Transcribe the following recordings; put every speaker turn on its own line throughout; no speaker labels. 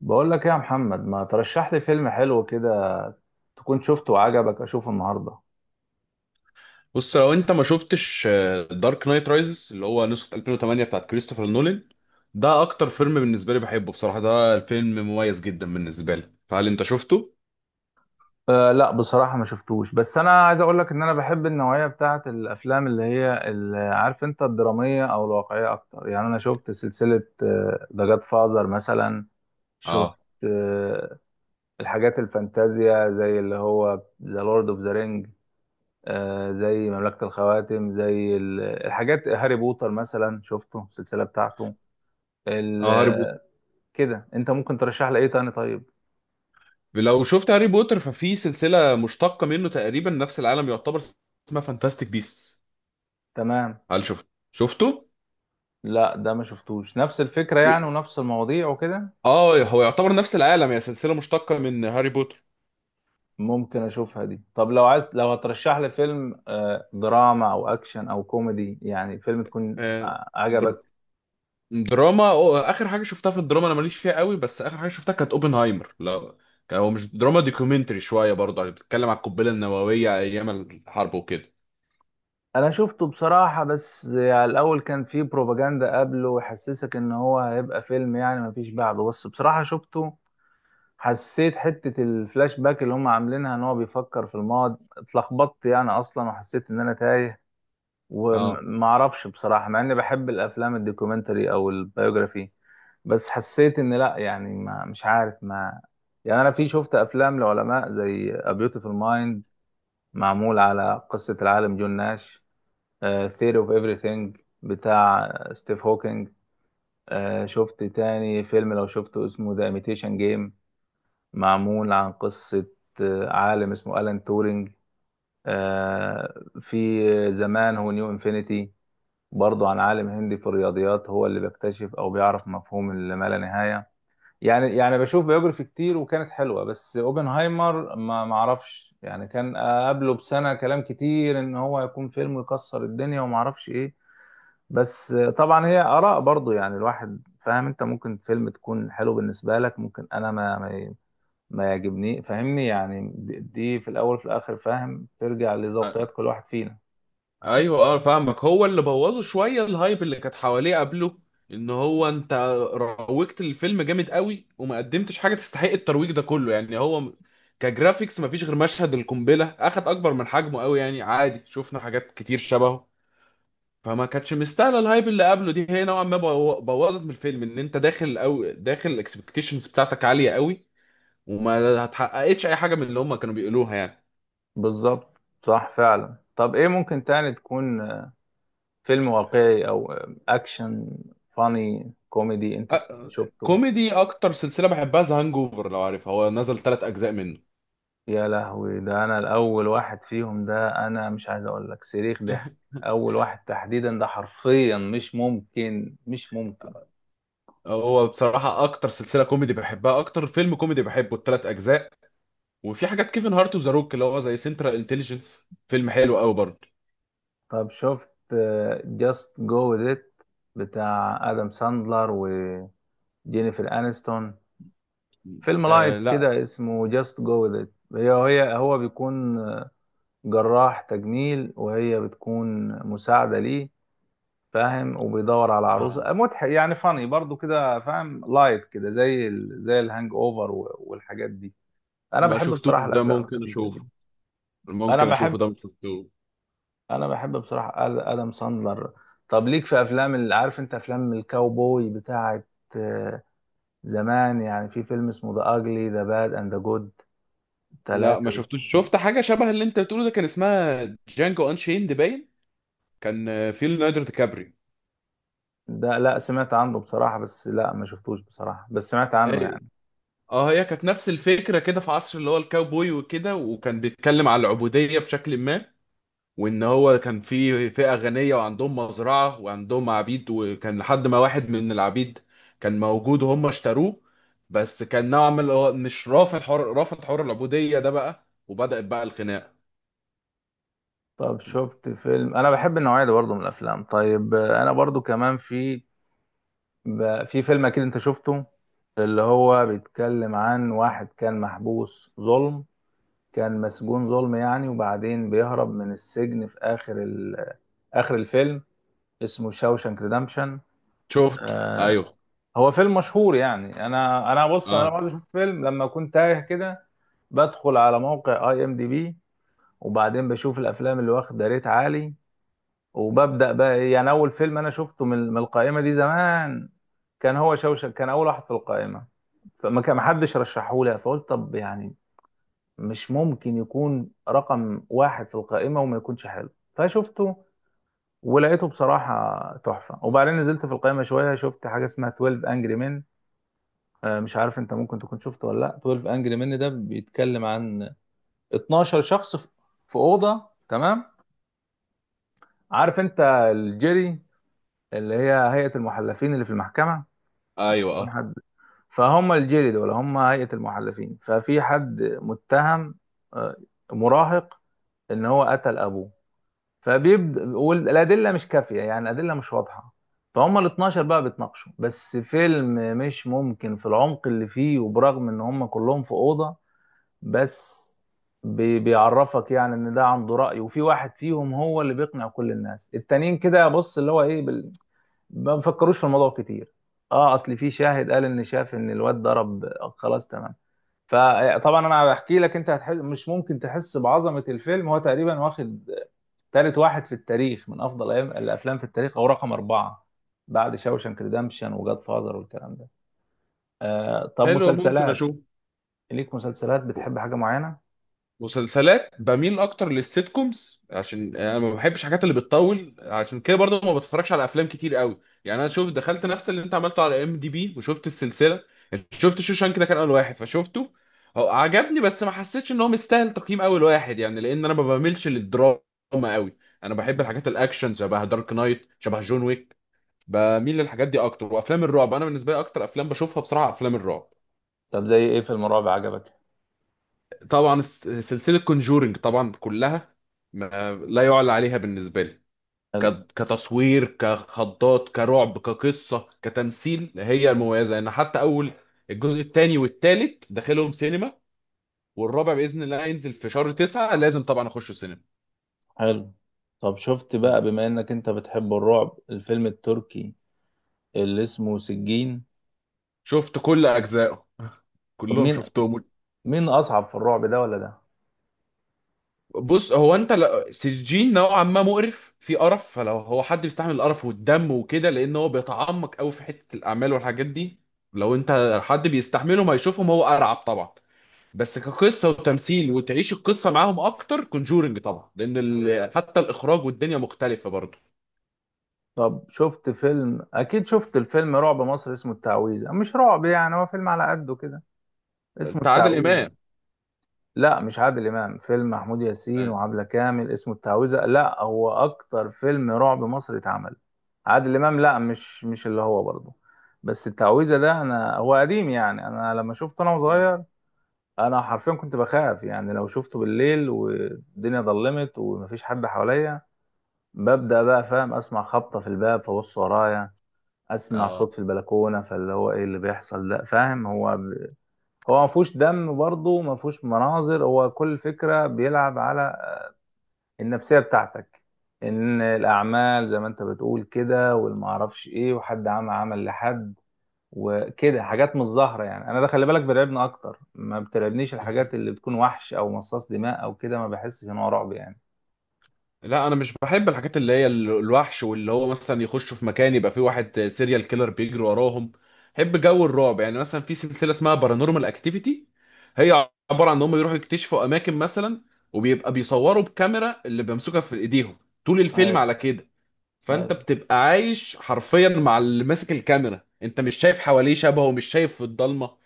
بقول لك ايه يا محمد، ما ترشح لي فيلم حلو كده تكون شفته وعجبك اشوفه النهارده؟
بص لو انت ما شفتش دارك نايت رايزز اللي هو نسخة 2008 بتاعت كريستوفر نولان. ده اكتر فيلم بالنسبة لي بحبه، بصراحة ده الفيلم مميز جدا بالنسبة لي، فهل انت شفته؟
أه، لا بصراحة ما شفتوش. بس انا عايز اقول لك ان انا بحب النوعية بتاعه الافلام اللي هي عارف انت، الدرامية او الواقعية اكتر. يعني انا شفت سلسلة ذا جاد فازر مثلا. شفت
اه.
آه، الحاجات الفانتازيا زي اللي هو ذا لورد اوف ذا رينج، زي مملكة الخواتم، زي الحاجات هاري بوتر مثلا. شفته السلسلة بتاعته
اه، هاري بوتر.
ال- كده. انت ممكن ترشح لي ايه تاني طيب؟
لو شفت هاري بوتر ففي سلسلة مشتقة منه تقريبا نفس العالم يعتبر، اسمها فانتاستيك بيست.
تمام.
هل شفته؟
لا ده ما شفتوش. نفس الفكرة يعني ونفس المواضيع وكده.
اه، هو يعتبر نفس العالم، هي سلسلة مشتقة من هاري بوتر.
ممكن اشوفها دي. طب لو عايز، لو هترشح لي فيلم دراما او اكشن او كوميدي، يعني فيلم تكون
آه، در-
عجبك.
دراما اخر حاجه شفتها في الدراما انا ماليش فيها قوي، بس اخر حاجه شفتها كانت اوبنهايمر. لا، كان هو مش دراما، دوكيومنتري شويه برضه، يعني بتتكلم على القنبله النوويه ايام الحرب وكده.
انا شفته بصراحة، بس على الاول كان فيه بروباجندا قبله وحسسك ان هو هيبقى فيلم يعني ما فيش بعده. بس بصراحة شفته. حسيت حتة الفلاش باك اللي هم عاملينها ان هو بيفكر في الماضي اتلخبطت يعني اصلا، وحسيت ان انا تايه
اه.
وما اعرفش بصراحه، مع اني بحب الافلام الدوكيومنتري او البيوجرافي. بس حسيت ان لا، يعني ما مش عارف ما. يعني انا في شفت افلام لعلماء زي A Beautiful Mind، معمول على قصه العالم جون ناش. Theory of Everything بتاع ستيف هوكينج. شفت تاني فيلم لو شفته اسمه The Imitation Game، معمول عن قصه عالم اسمه ألان تورينج. في زمان هو نيو انفينيتي، برضو عن عالم هندي في الرياضيات، هو اللي بيكتشف او بيعرف مفهوم اللي ما لا نهايه. يعني بشوف بيوجرافي كتير وكانت حلوه، بس اوبنهايمر ما اعرفش يعني، كان قبله بسنه كلام كتير ان هو هيكون فيلم يكسر الدنيا وما اعرفش ايه. بس طبعا هي اراء برضو، يعني الواحد فاهم. انت ممكن فيلم تكون حلو بالنسبه لك ممكن انا ما يعجبني، فاهمني يعني. دي في الاول وفي الاخر فاهم، ترجع
أ-
لذوقيات كل واحد فينا.
ايوه، اه فاهمك، هو اللي بوظه شويه الهايب اللي كانت حواليه قبله. ان هو انت روجت الفيلم جامد قوي وما قدمتش حاجه تستحق الترويج ده كله، يعني هو كجرافيكس مفيش غير مشهد القنبله اخد اكبر من حجمه قوي، يعني عادي شفنا حاجات كتير شبهه. فما كانتش مستاهله الهايب اللي قبله دي، هي نوعا ما بوظت من الفيلم ان انت داخل او داخل الاكسبكتيشنز بتاعتك عاليه قوي، وما هتحققتش اي حاجه من اللي هم كانوا بيقولوها يعني.
بالظبط، صح فعلا. طب ايه ممكن تاني تكون، فيلم واقعي او اكشن، فاني كوميدي؟ انت
أ-
شفته؟
كوميدي، اكتر سلسله بحبها ذا هانج اوفر، لو عارفها هو نزل 3 اجزاء منه.
يا لهوي ده! انا الاول واحد فيهم، ده انا مش عايز اقول لك صريخ ضحك. اول واحد تحديدا، ده حرفيا مش ممكن، مش ممكن.
هو بصراحه اكتر سلسله كوميدي بحبها، اكتر فيلم كوميدي بحبه ال3 اجزاء. وفي حاجات كيفن هارت وذا روك اللي هو زي سنترال انتليجنس، فيلم حلو قوي برضه.
طب شفت جاست جو ديت بتاع ادم ساندلر وجينيفر انستون؟ فيلم
آه
لايت
لا.
كده اسمه جاست جو ديت، هي هو بيكون جراح تجميل وهي بتكون مساعدة ليه، فاهم، وبيدور على
آه
عروسه. مضحك يعني، فاني برضو كده، فاهم، لايت كده زي زي الهانج اوفر والحاجات دي. انا
ما
بحب
شفتوش
بصراحه
ده،
الافلام
ممكن
الخفيفه دي.
اشوفه.
انا
ممكن
بحب
اشوفه ده، مش شفته.
انا بحب بصراحه ادم ساندلر. طب ليك في افلام، اللي عارف انت، افلام الكاوبوي بتاعه آه، زمان يعني. في فيلم اسمه ذا اجلي ذا باد اند ذا جود،
لا ما
ثلاثه
شفتوش،
بيكونوا-
شفت حاجه شبه اللي انت بتقوله ده، كان اسمها جانجو انشيند باين. كان في ليوناردو دي كابري.
ده، لا سمعت عنه بصراحه، بس لا ما شفتوش بصراحه، بس سمعت عنه
ايوه.
يعني.
اه، هي كانت نفس الفكره كده، في عصر اللي هو الكاوبوي وكده، وكان بيتكلم على العبوديه بشكل ما. وان هو كان في فئه غنيه وعندهم مزرعه وعندهم عبيد، وكان لحد ما واحد من العبيد كان موجود وهم اشتروه. بس كان نوعا ما اللي هو مش رافض حر، رافض حر العبوديه ده بقى، وبدأت بقى الخناقه.
طب شفت فيلم؟ انا بحب النوعيه دي برضه من الافلام. طيب انا برضه كمان، في فيلم اكيد انت شفته، اللي هو بيتكلم عن واحد كان محبوس ظلم، كان مسجون ظلم يعني، وبعدين بيهرب من السجن في اخر اخر الفيلم. اسمه شاوشانك ريدمشن.
شفته،
آه،
ايوه.
هو فيلم مشهور يعني. انا بص، انا
اه.
لما عاوز اشوف فيلم لما اكون تايه كده، بدخل على موقع اي ام دي بي وبعدين بشوف الافلام اللي واخده ريت عالي، وببدأ بقى يعني أول فيلم أنا شفته من القائمة دي زمان، كان هو شوشك. كان أول واحد في القائمة، فما كان محدش رشحهولي، فقلت طب يعني مش ممكن يكون رقم واحد في القائمة وما يكونش حلو، فشفته ولقيته بصراحة تحفة. وبعدين نزلت في القائمة شوية، شفت حاجة اسمها 12 Angry Men. مش عارف انت ممكن تكون شفته ولا لا. 12 Angry Men ده بيتكلم عن 12 شخص في أوضة، تمام؟ عارف انت الجيري، اللي هي هيئة المحلفين اللي في المحكمة،
ايوه.
يكون
آه.
حد. فهم، الجيري دول هم هيئة المحلفين، ففي حد متهم آه، مراهق ان هو قتل ابوه، فبيبدأ، والادلة مش كافية يعني الادلة مش واضحة. فهم ال 12 بقى بيتناقشوا. بس فيلم مش ممكن في العمق اللي فيه، وبرغم ان هم كلهم في أوضة، بس بيعرفك يعني ان ده عنده رأي، وفي واحد فيهم هو اللي بيقنع كل الناس التانيين كده، بص اللي هو ايه ما بيفكروش في الموضوع كتير. اه، اصل في شاهد قال ان شاف ان الواد ضرب خلاص، تمام. فطبعا انا بحكي لك، انت هتحس مش ممكن، تحس بعظمة الفيلم. هو تقريبا واخد ثالث واحد في التاريخ من افضل الافلام في التاريخ، او رقم أربعة، بعد شاوشانك ريدمشن وجاد فاذر والكلام ده. طب
حلو، ممكن
مسلسلات،
اشوف.
ليك مسلسلات بتحب حاجة معينة؟
مسلسلات بميل اكتر للسيت كومز، عشان انا ما بحبش الحاجات اللي بتطول، عشان كده برضه ما بتفرجش على افلام كتير قوي. يعني انا شوف دخلت نفس اللي انت عملته على ام دي بي وشفت السلسله، شفت شوشانك ده كان اول واحد فشفته. هو عجبني بس ما حسيتش ان هو مستاهل تقييم اول واحد، يعني لان انا ما بميلش للدراما قوي. انا بحب الحاجات الاكشن شبه دارك نايت، شبه جون ويك، بميل للحاجات دي اكتر. وافلام الرعب انا بالنسبه لي اكتر افلام بشوفها بصراحه افلام الرعب.
طب زي ايه فيلم رعب عجبك؟
طبعا سلسلة كونجورينج طبعا كلها ما لا يعلى عليها بالنسبة لي.
حلو.
كتصوير، كخضات، كرعب، كقصة، كتمثيل هي المميزة، ان حتى اول الجزء الثاني والثالث داخلهم سينما، والرابع بإذن الله هينزل في شهر 9، لازم طبعا اخش سينما.
حلو. طب شفت بقى،
مم.
بما انك انت بتحب الرعب، الفيلم التركي اللي اسمه سجين؟
شفت كل اجزائه.
طب
كلهم
مين
شفتهم.
مين اصعب في الرعب، ده ولا ده؟
بص، هو انت سجين نوعا ما مقرف، في قرف، فلو هو حد بيستحمل القرف والدم وكده، لان هو بيتعمق قوي في حته الاعمال والحاجات دي. لو انت حد بيستحملهم هيشوفهم هو ارعب طبعا. بس كقصه وتمثيل وتعيش القصه معاهم اكتر كونجورنج طبعا، لان ال... حتى الاخراج والدنيا مختلفه برضه.
طب شفت فيلم، اكيد شفت الفيلم رعب مصر اسمه التعويذة. مش رعب يعني، هو فيلم على قده كده، اسمه
بتاع عادل
التعويذة.
امام.
لا مش عادل امام، فيلم محمود ياسين وعبلة كامل، اسمه التعويذة. لا هو اكتر فيلم رعب مصري اتعمل. عادل امام، لا مش اللي هو برضه. بس التعويذة ده، انا هو قديم يعني، انا لما شفته انا صغير، انا حرفيا كنت بخاف يعني. لو شفته بالليل والدنيا ضلمت ومفيش حد حواليا، ببدأ بقى، فاهم، اسمع خبطة في الباب فبص ورايا، اسمع
اه
صوت في البلكونة، فاللي هو ايه اللي بيحصل ده؟ فاهم؟ هو، هو ما فيهوش دم برضه، ما فيهوش مناظر، هو كل فكرة بيلعب على النفسية بتاعتك، ان الاعمال زي ما انت بتقول كده، والمعرفش ايه، وحد عمل عمل لحد وكده، حاجات مش ظاهرة يعني. انا ده خلي بالك بيرعبني اكتر، ما بترعبنيش الحاجات اللي بتكون وحش او مصاص دماء او كده، ما بحسش ان هو رعب يعني.
لا، انا مش بحب الحاجات اللي هي الوحش، واللي هو مثلا يخشوا في مكان يبقى فيه واحد سيريال كيلر بيجري وراهم. بحب جو الرعب، يعني مثلا في سلسله اسمها بارانورمال اكتيفيتي، هي عباره عن ان هم يروحوا يكتشفوا اماكن مثلا، وبيبقى بيصوروا بكاميرا اللي بيمسكها في ايديهم طول الفيلم
ايوه.
على كده. فانت
ايوه.
بتبقى عايش حرفيا مع اللي ماسك الكاميرا، انت مش شايف حواليه شبهه ومش شايف في الضلمه.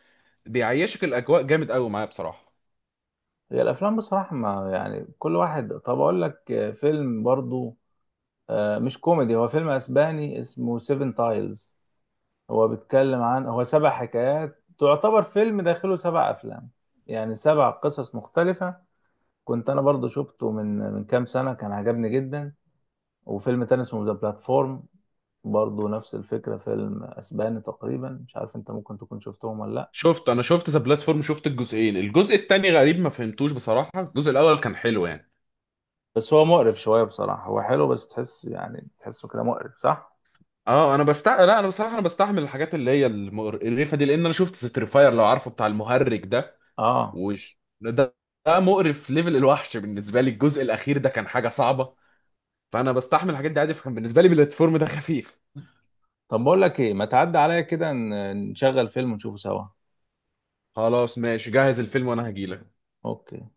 بيعيشك الاجواء جامد قوي معايا بصراحه.
هي الافلام بصراحه، ما يعني كل واحد. طب اقول لك فيلم برضو مش كوميدي، هو فيلم اسباني اسمه سيفن تايلز. هو بيتكلم عن، هو سبع حكايات، تعتبر فيلم داخله سبع أفلام، يعني سبع قصص مختلفة. كنت أنا برضو شفته من كام سنة، كان عجبني جدا. وفيلم تاني اسمه ذا بلاتفورم، برضو نفس الفكرة، فيلم أسباني تقريبا. مش عارف أنت ممكن تكون شفتهم ولا لأ.
شفت، انا شفت ذا بلاتفورم، شفت الجزئين، الجزء التاني غريب ما فهمتوش بصراحه، الجزء الاول كان حلو يعني.
بس هو مقرف شوية بصراحة، هو حلو بس تحس يعني تحسه كده مقرف، صح؟
اه انا لا، انا بصراحه انا بستحمل الحاجات اللي هي المقرفه دي، لان انا شفت ستريفاير لو عارفه بتاع المهرج ده.
آه.
وش ده؟ ده مقرف ليفل الوحش بالنسبه لي، الجزء الاخير ده كان حاجه صعبه. فانا بستحمل الحاجات دي عادي، فكان بالنسبه لي بلاتفورم ده خفيف.
طب بقول لك إيه، ما تعدي عليا كده نشغل فيلم ونشوفه سوا.
خلاص ماشي، جهز الفيلم وانا هجيلك.
أوكي.